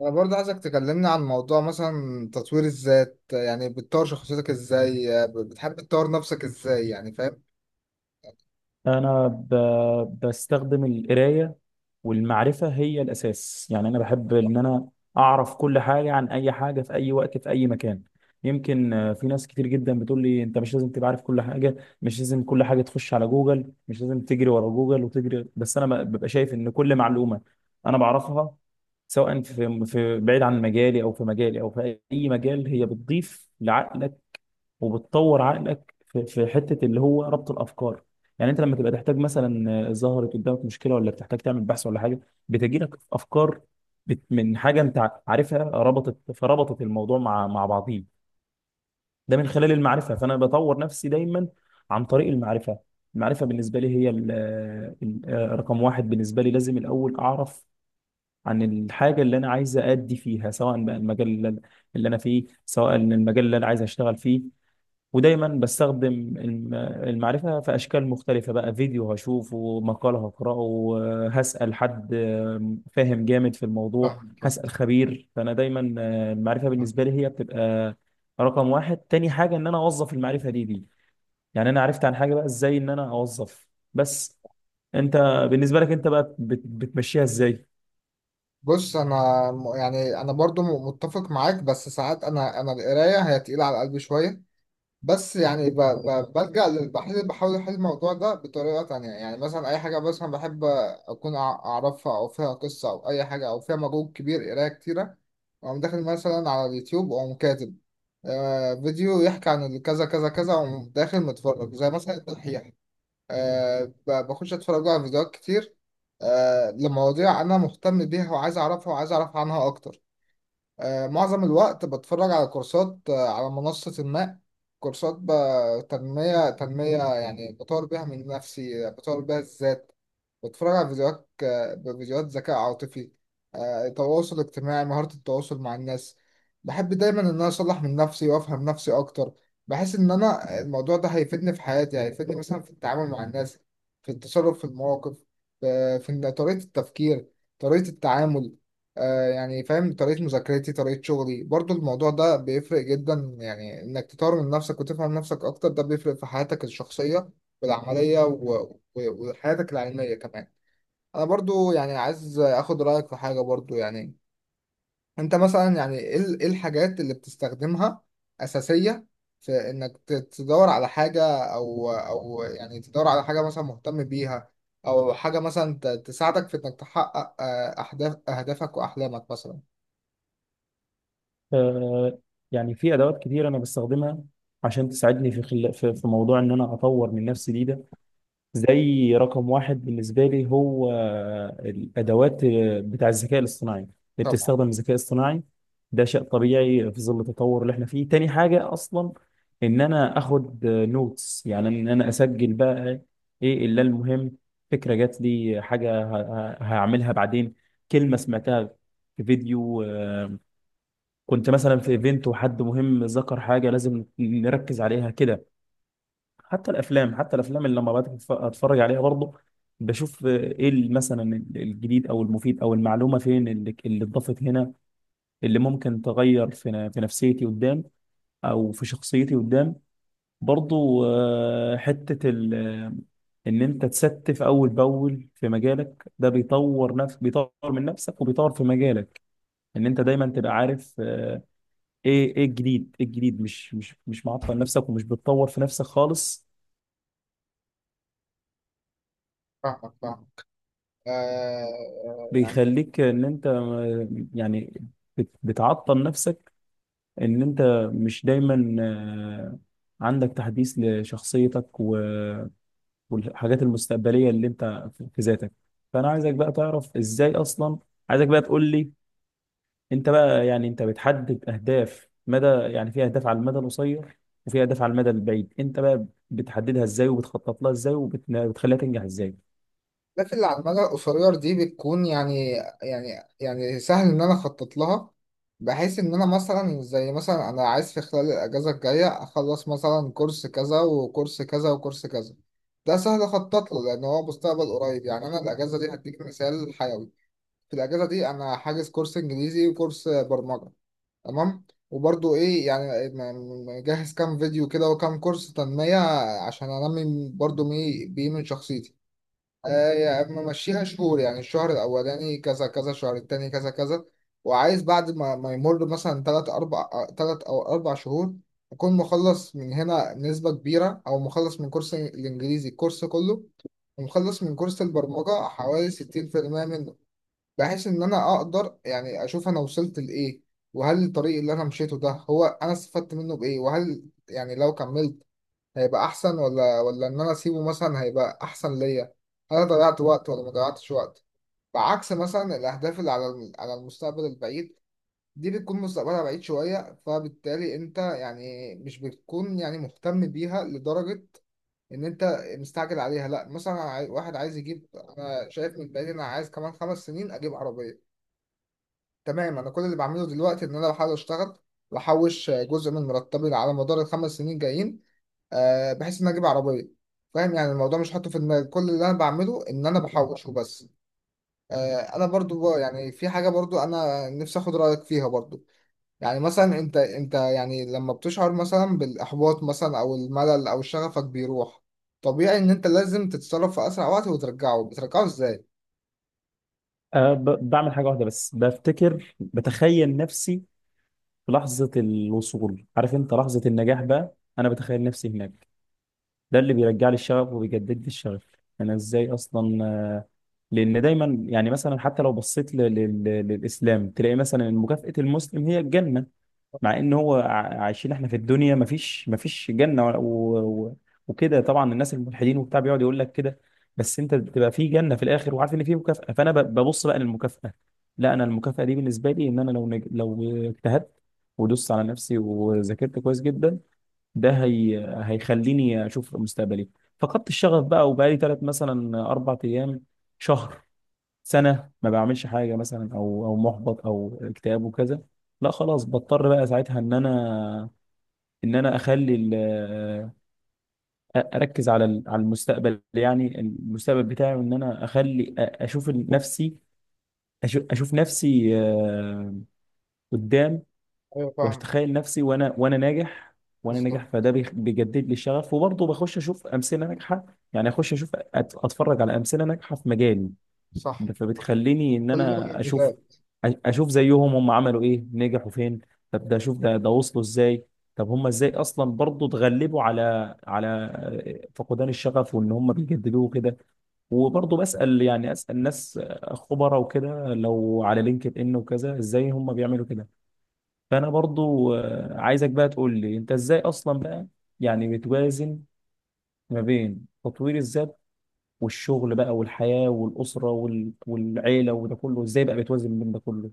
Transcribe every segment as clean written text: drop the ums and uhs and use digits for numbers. انا برضه عايزك تكلمني عن موضوع مثلا تطوير الذات، يعني بتطور شخصيتك ازاي؟ بتحب تطور نفسك ازاي؟ يعني فاهم؟ أنا بستخدم القراية والمعرفة هي الأساس. يعني أنا بحب إن أنا أعرف كل حاجة عن أي حاجة في أي وقت في أي مكان. يمكن في ناس كتير جدا بتقول لي أنت مش لازم تبقى عارف كل حاجة، مش لازم كل حاجة تخش على جوجل، مش لازم تجري ورا جوجل وتجري. بس أنا ببقى شايف إن كل معلومة أنا بعرفها، سواء في بعيد عن مجالي أو في مجالي أو في أي مجال، هي بتضيف لعقلك وبتطور عقلك في حته اللي هو ربط الافكار. يعني انت لما تبقى تحتاج مثلا ظهرت قدامك مشكله ولا بتحتاج تعمل بحث ولا حاجه، بتجي لك افكار من حاجه انت عارفها ربطت، فربطت الموضوع مع بعضيه. ده من خلال المعرفه، فانا بطور نفسي دايما عن طريق المعرفه. المعرفه بالنسبه لي هي رقم 1. بالنسبه لي لازم الاول اعرف عن الحاجه اللي انا عايز ادي فيها، سواء بقى المجال اللي انا فيه، سواء المجال اللي انا عايز اشتغل فيه. ودايما بستخدم المعرفة في أشكال مختلفة، بقى فيديو هشوفه، مقال هقرأه، هسأل حد فاهم جامد في الموضوع، فاهم، فاهم، هسأل خبير. فأنا دايما المعرفة فاهم. بالنسبة لي هي بتبقى رقم 1. تاني حاجة إن أنا أوظف المعرفة دي. يعني أنا عرفت عن حاجة بقى إزاي إن أنا أوظف. بس أنت، بالنسبة لك أنت بقى بتمشيها إزاي؟ بص انا، يعني انا برضو متفق معاك، بس ساعات انا القرايه هي تقيله على قلبي شويه. بس يعني بحل، بحاول أحل الموضوع ده بطريقة تانية. يعني مثلا أي حاجة مثلا بحب أكون أعرفها، أو فيها قصة أو أي حاجة، أو فيها مجهود كبير قراية كتيرة، وأقوم داخل مثلا على اليوتيوب وأقوم كاتب فيديو يحكي عن كذا كذا كذا، وأقوم داخل متفرج زي مثلا الدحيح. بخش أتفرج على فيديوهات كتير، لمواضيع أنا مهتم بيها وعايز أعرفها وعايز أعرف عنها أكتر. معظم الوقت بتفرج على كورسات، على منصة ما. كورسات تنمية، تنمية، يعني بطور بيها من نفسي، بطور بيها الذات. بتفرج على فيديوهات فيديوهات ذكاء عاطفي، تواصل اجتماعي، مهارة التواصل مع الناس. بحب دايما ان انا اصلح من نفسي وافهم نفسي اكتر. بحس ان انا الموضوع ده هيفيدني في حياتي، هيفيدني مثلا في التعامل مع الناس، في التصرف في المواقف، في إن طريقة التفكير، طريقة التعامل، يعني فاهم، طريقة مذاكرتي طريقة شغلي. برضو الموضوع ده بيفرق جدا، يعني انك تطور من نفسك وتفهم نفسك اكتر، ده بيفرق في حياتك الشخصية والعملية، وحياتك العلمية كمان. أنا برضو يعني عايز أخد رأيك في حاجة برضو. يعني أنت مثلا يعني إيه الحاجات اللي بتستخدمها أساسية في إنك تدور على حاجة، أو يعني تدور على حاجة مثلا مهتم بيها، أو حاجة مثلا تساعدك في إنك تحقق، أهداف أهدافك وأحلامك مثلا. آه، يعني في أدوات كتير أنا بستخدمها عشان تساعدني في في موضوع إن أنا أطور من نفسي دي ده. زي رقم 1 بالنسبة لي هو الأدوات بتاع الذكاء الاصطناعي، اللي طبعا. بتستخدم الذكاء الاصطناعي. ده شيء طبيعي في ظل التطور اللي احنا فيه. تاني حاجة أصلا إن أنا أخد نوتس، يعني إن أنا أسجل بقى إيه إلا المهم، فكرة جات لي حاجة هعملها بعدين، كلمة سمعتها في فيديو، كنت مثلا في ايفنت وحد مهم ذكر حاجة لازم نركز عليها كده. حتى الافلام، حتى الافلام اللي لما بقعد اتفرج عليها برضه، بشوف ايه مثلا الجديد او المفيد او المعلومه فين اللي اتضافت هنا، اللي ممكن تغير في نفسيتي قدام، او في شخصيتي قدام برضه. آه، حته ال- آه، ان انت اول باول في مجالك، ده بيطور نفسك، بيطور من نفسك وبيطور في مجالك. ان انت دايما تبقى عارف ايه الجديد، مش معطل نفسك ومش بتطور في نفسك خالص. فاهمك، فاهمك. آه، آه، بيخليك ان انت يعني بتعطل نفسك، ان انت مش دايما عندك تحديث لشخصيتك والحاجات المستقبلية اللي انت في ذاتك. فانا عايزك بقى تعرف ازاي اصلا، عايزك بقى تقول لي. انت بقى، يعني انت بتحدد اهداف مدى، يعني في اهداف على المدى القصير وفي اهداف على المدى البعيد، انت بقى بتحددها ازاي وبتخطط لها ازاي وبتخليها تنجح ازاي؟ الأهداف اللي على المدى القصير دي بتكون يعني، يعني يعني سهل إن أنا أخطط لها، بحيث إن أنا مثلا، زي مثلا أنا عايز في خلال الأجازة الجاية أخلص مثلا كورس كذا وكورس كذا وكورس كذا. ده سهل أخطط له لأن هو مستقبل قريب. يعني أنا الأجازة دي هديك مثال حيوي. في الأجازة دي أنا حاجز كورس إنجليزي وكورس برمجة، تمام. وبرضه إيه، يعني مجهز كام فيديو كده وكام كورس تنمية، عشان أنمي برضه بيه من شخصيتي. يعني ممشيها شهور، يعني الشهر الأولاني كذا كذا، الشهر التاني كذا كذا. وعايز بعد ما يمر مثلا تلات أربع، تلات أو أربع شهور، أكون مخلص من هنا نسبة كبيرة، أو مخلص من كورس الإنجليزي الكورس كله، ومخلص من كورس البرمجة حوالي 60% منه، بحيث إن أنا أقدر يعني أشوف أنا وصلت لإيه، وهل الطريق اللي أنا مشيته ده هو أنا استفدت منه بإيه، وهل يعني لو كملت هيبقى احسن، ولا ان انا اسيبه مثلا هيبقى احسن ليا. انا ضيعت وقت ولا ما ضيعتش وقت؟ بعكس مثلا الاهداف اللي على على المستقبل البعيد، دي بتكون مستقبلها بعيد شوية، فبالتالي انت يعني مش بتكون يعني مهتم بيها لدرجة ان انت مستعجل عليها. لا مثلا أنا واحد عايز يجيب، انا شايف من بعيد إن انا عايز كمان خمس سنين اجيب عربية، تمام. انا كل اللي بعمله دلوقتي ان انا بحاول اشتغل، واحوش جزء من مرتبي على مدار الخمس سنين جايين، بحيث ان انا اجيب عربيه. فاهم يعني الموضوع مش حاطه في دماغي، كل اللي انا بعمله ان انا بحوش وبس. انا برضو بقى يعني في حاجه برضو انا نفسي اخد رايك فيها برضو. يعني مثلا انت يعني لما بتشعر مثلا بالاحباط مثلا، او الملل، او شغفك بيروح، طبيعي ان انت لازم تتصرف في اسرع وقت وترجعه. بترجعه ازاي؟ أه، بعمل حاجة واحدة بس، بفتكر بتخيل نفسي في لحظة الوصول، عارف انت لحظة النجاح بقى، انا بتخيل نفسي هناك. ده اللي بيرجع لي الشغف وبيجدد لي الشغف. انا ازاي اصلا لان دايما يعني مثلا حتى لو بصيت للاسلام تلاقي مثلا إن مكافأة المسلم هي الجنة. طبعا. مع ان هو عايشين احنا في الدنيا، مفيش جنه و... وكده، طبعا الناس الملحدين وبتاع بيقعد يقول لك كده. بس انت بتبقى في جنه في الاخر وعارف ان في مكافاه، فانا ببص بقى للمكافاه. لا انا المكافاه دي بالنسبه لي، ان انا لو لو اجتهدت ودوست على نفسي وذاكرت كويس جدا، ده هيخليني اشوف مستقبلي. فقدت الشغف بقى وبقالي ثلاث مثلا اربع ايام، شهر، سنه ما بعملش حاجه مثلا، او محبط او اكتئاب وكذا، لا خلاص بضطر بقى ساعتها ان انا اخلي اركز على المستقبل، يعني المستقبل بتاعي وان انا اخلي اشوف نفسي، اشوف نفسي قدام. ايوه، فاهم. واتخيل نفسي وانا ناجح، وانا ناجح، بالظبط. فده بيجدد لي الشغف. وبرضه بخش اشوف امثله ناجحه، يعني اخش اشوف اتفرج على امثله ناجحه في مجالي، صح. فبتخليني ان كل ده انا محتاج. اشوف زيهم، هم عملوا ايه نجحوا فين، طب ده اشوف ده وصلوا ازاي، طب هم ازاي اصلا برضه اتغلبوا على فقدان الشغف وان هم بيجددوه كده. وبرضه بسأل، يعني اسأل ناس خبراء وكده، لو على لينكد ان وكذا ازاي هم بيعملوا كده. فانا برضه عايزك بقى تقول لي انت ازاي اصلا بقى، يعني بتوازن ما بين تطوير الذات والشغل بقى والحياة والأسرة والعيلة، وده كله ازاي بقى بتوازن بين ده كله؟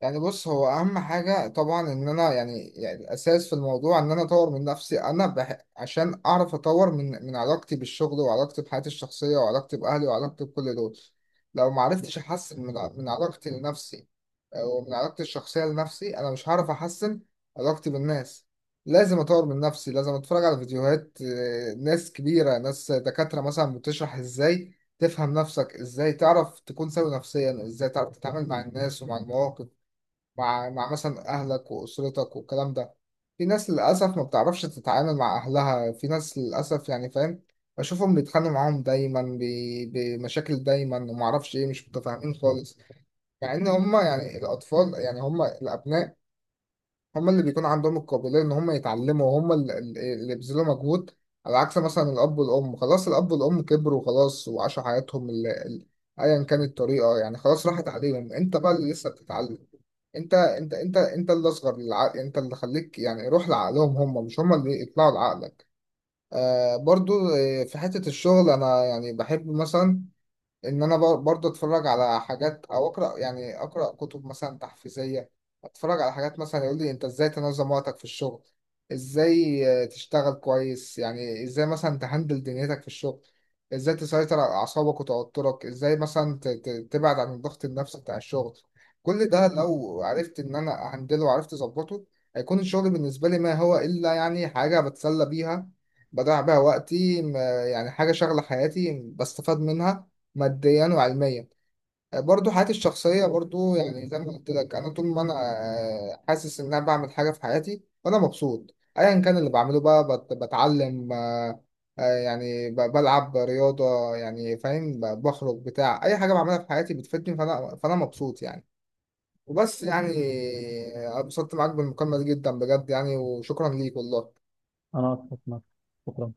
يعني بص، هو اهم حاجه طبعا ان انا يعني, الاساس في الموضوع ان انا اطور من نفسي. عشان اعرف اطور من من علاقتي بالشغل، وعلاقتي بحياتي الشخصيه، وعلاقتي باهلي، وعلاقتي بكل دول. لو ما عرفتش احسن من من علاقتي لنفسي، ومن علاقتي الشخصيه لنفسي، انا مش هعرف احسن علاقتي بالناس. لازم اطور من نفسي، لازم اتفرج على فيديوهات، ناس كبيره، ناس دكاتره مثلا بتشرح ازاي تفهم نفسك، ازاي تعرف تكون سوي نفسيا، ازاي تعرف تتعامل مع الناس ومع المواقف، مع مثلا أهلك وأسرتك والكلام ده. في ناس للأسف ما بتعرفش تتعامل مع أهلها، في ناس للأسف يعني فاهم، بشوفهم بيتخانقوا معاهم دايما، بمشاكل دايما وما أعرفش إيه، مش متفاهمين خالص. مع إن هما يعني الأطفال، يعني هما الأبناء، هم اللي بيكون عندهم القابلية إن هم يتعلموا، وهم اللي بيبذلوا مجهود، على عكس مثلا الأب والأم. خلاص الأب والأم كبروا خلاص وعاشوا حياتهم، أيا كانت الطريقة، يعني خلاص راحت عليهم. أنت بقى اللي لسه بتتعلم، أنت اللي أصغر للعقل، أنت اللي خليك يعني روح لعقلهم هم، مش هم اللي يطلعوا لعقلك. آه برضو. في حتة الشغل أنا يعني بحب مثلا ان انا برضه اتفرج على حاجات، او اقرا يعني اقرا كتب مثلا تحفيزيه، اتفرج على حاجات مثلا يقول لي انت ازاي تنظم وقتك في الشغل، ازاي تشتغل كويس، يعني ازاي مثلا تهندل دنيتك في الشغل، ازاي تسيطر على اعصابك وتوترك، ازاي مثلا تبعد عن الضغط النفسي بتاع الشغل. كل ده لو عرفت ان انا اهندله وعرفت اظبطه، هيكون الشغل بالنسبه لي ما هو الا يعني حاجه بتسلى بيها، بضيع بيها وقتي، يعني حاجه شغله حياتي بستفاد منها ماديا وعلميا. برضو حياتي الشخصية برضو، يعني زي ما قلت لك، أنا طول ما أنا حاسس إن أنا بعمل حاجة في حياتي وأنا مبسوط، أيا كان اللي بعمله بقى، بتعلم، يعني بلعب رياضة، يعني فاهم، بخرج، بتاع أي حاجة بعملها في حياتي بتفيدني، فأنا مبسوط يعني. وبس يعني. اتبسطت معاك بالمكالمة دي جدا بجد يعني، وشكرا ليك والله. انا اتفق معاك. شكرا.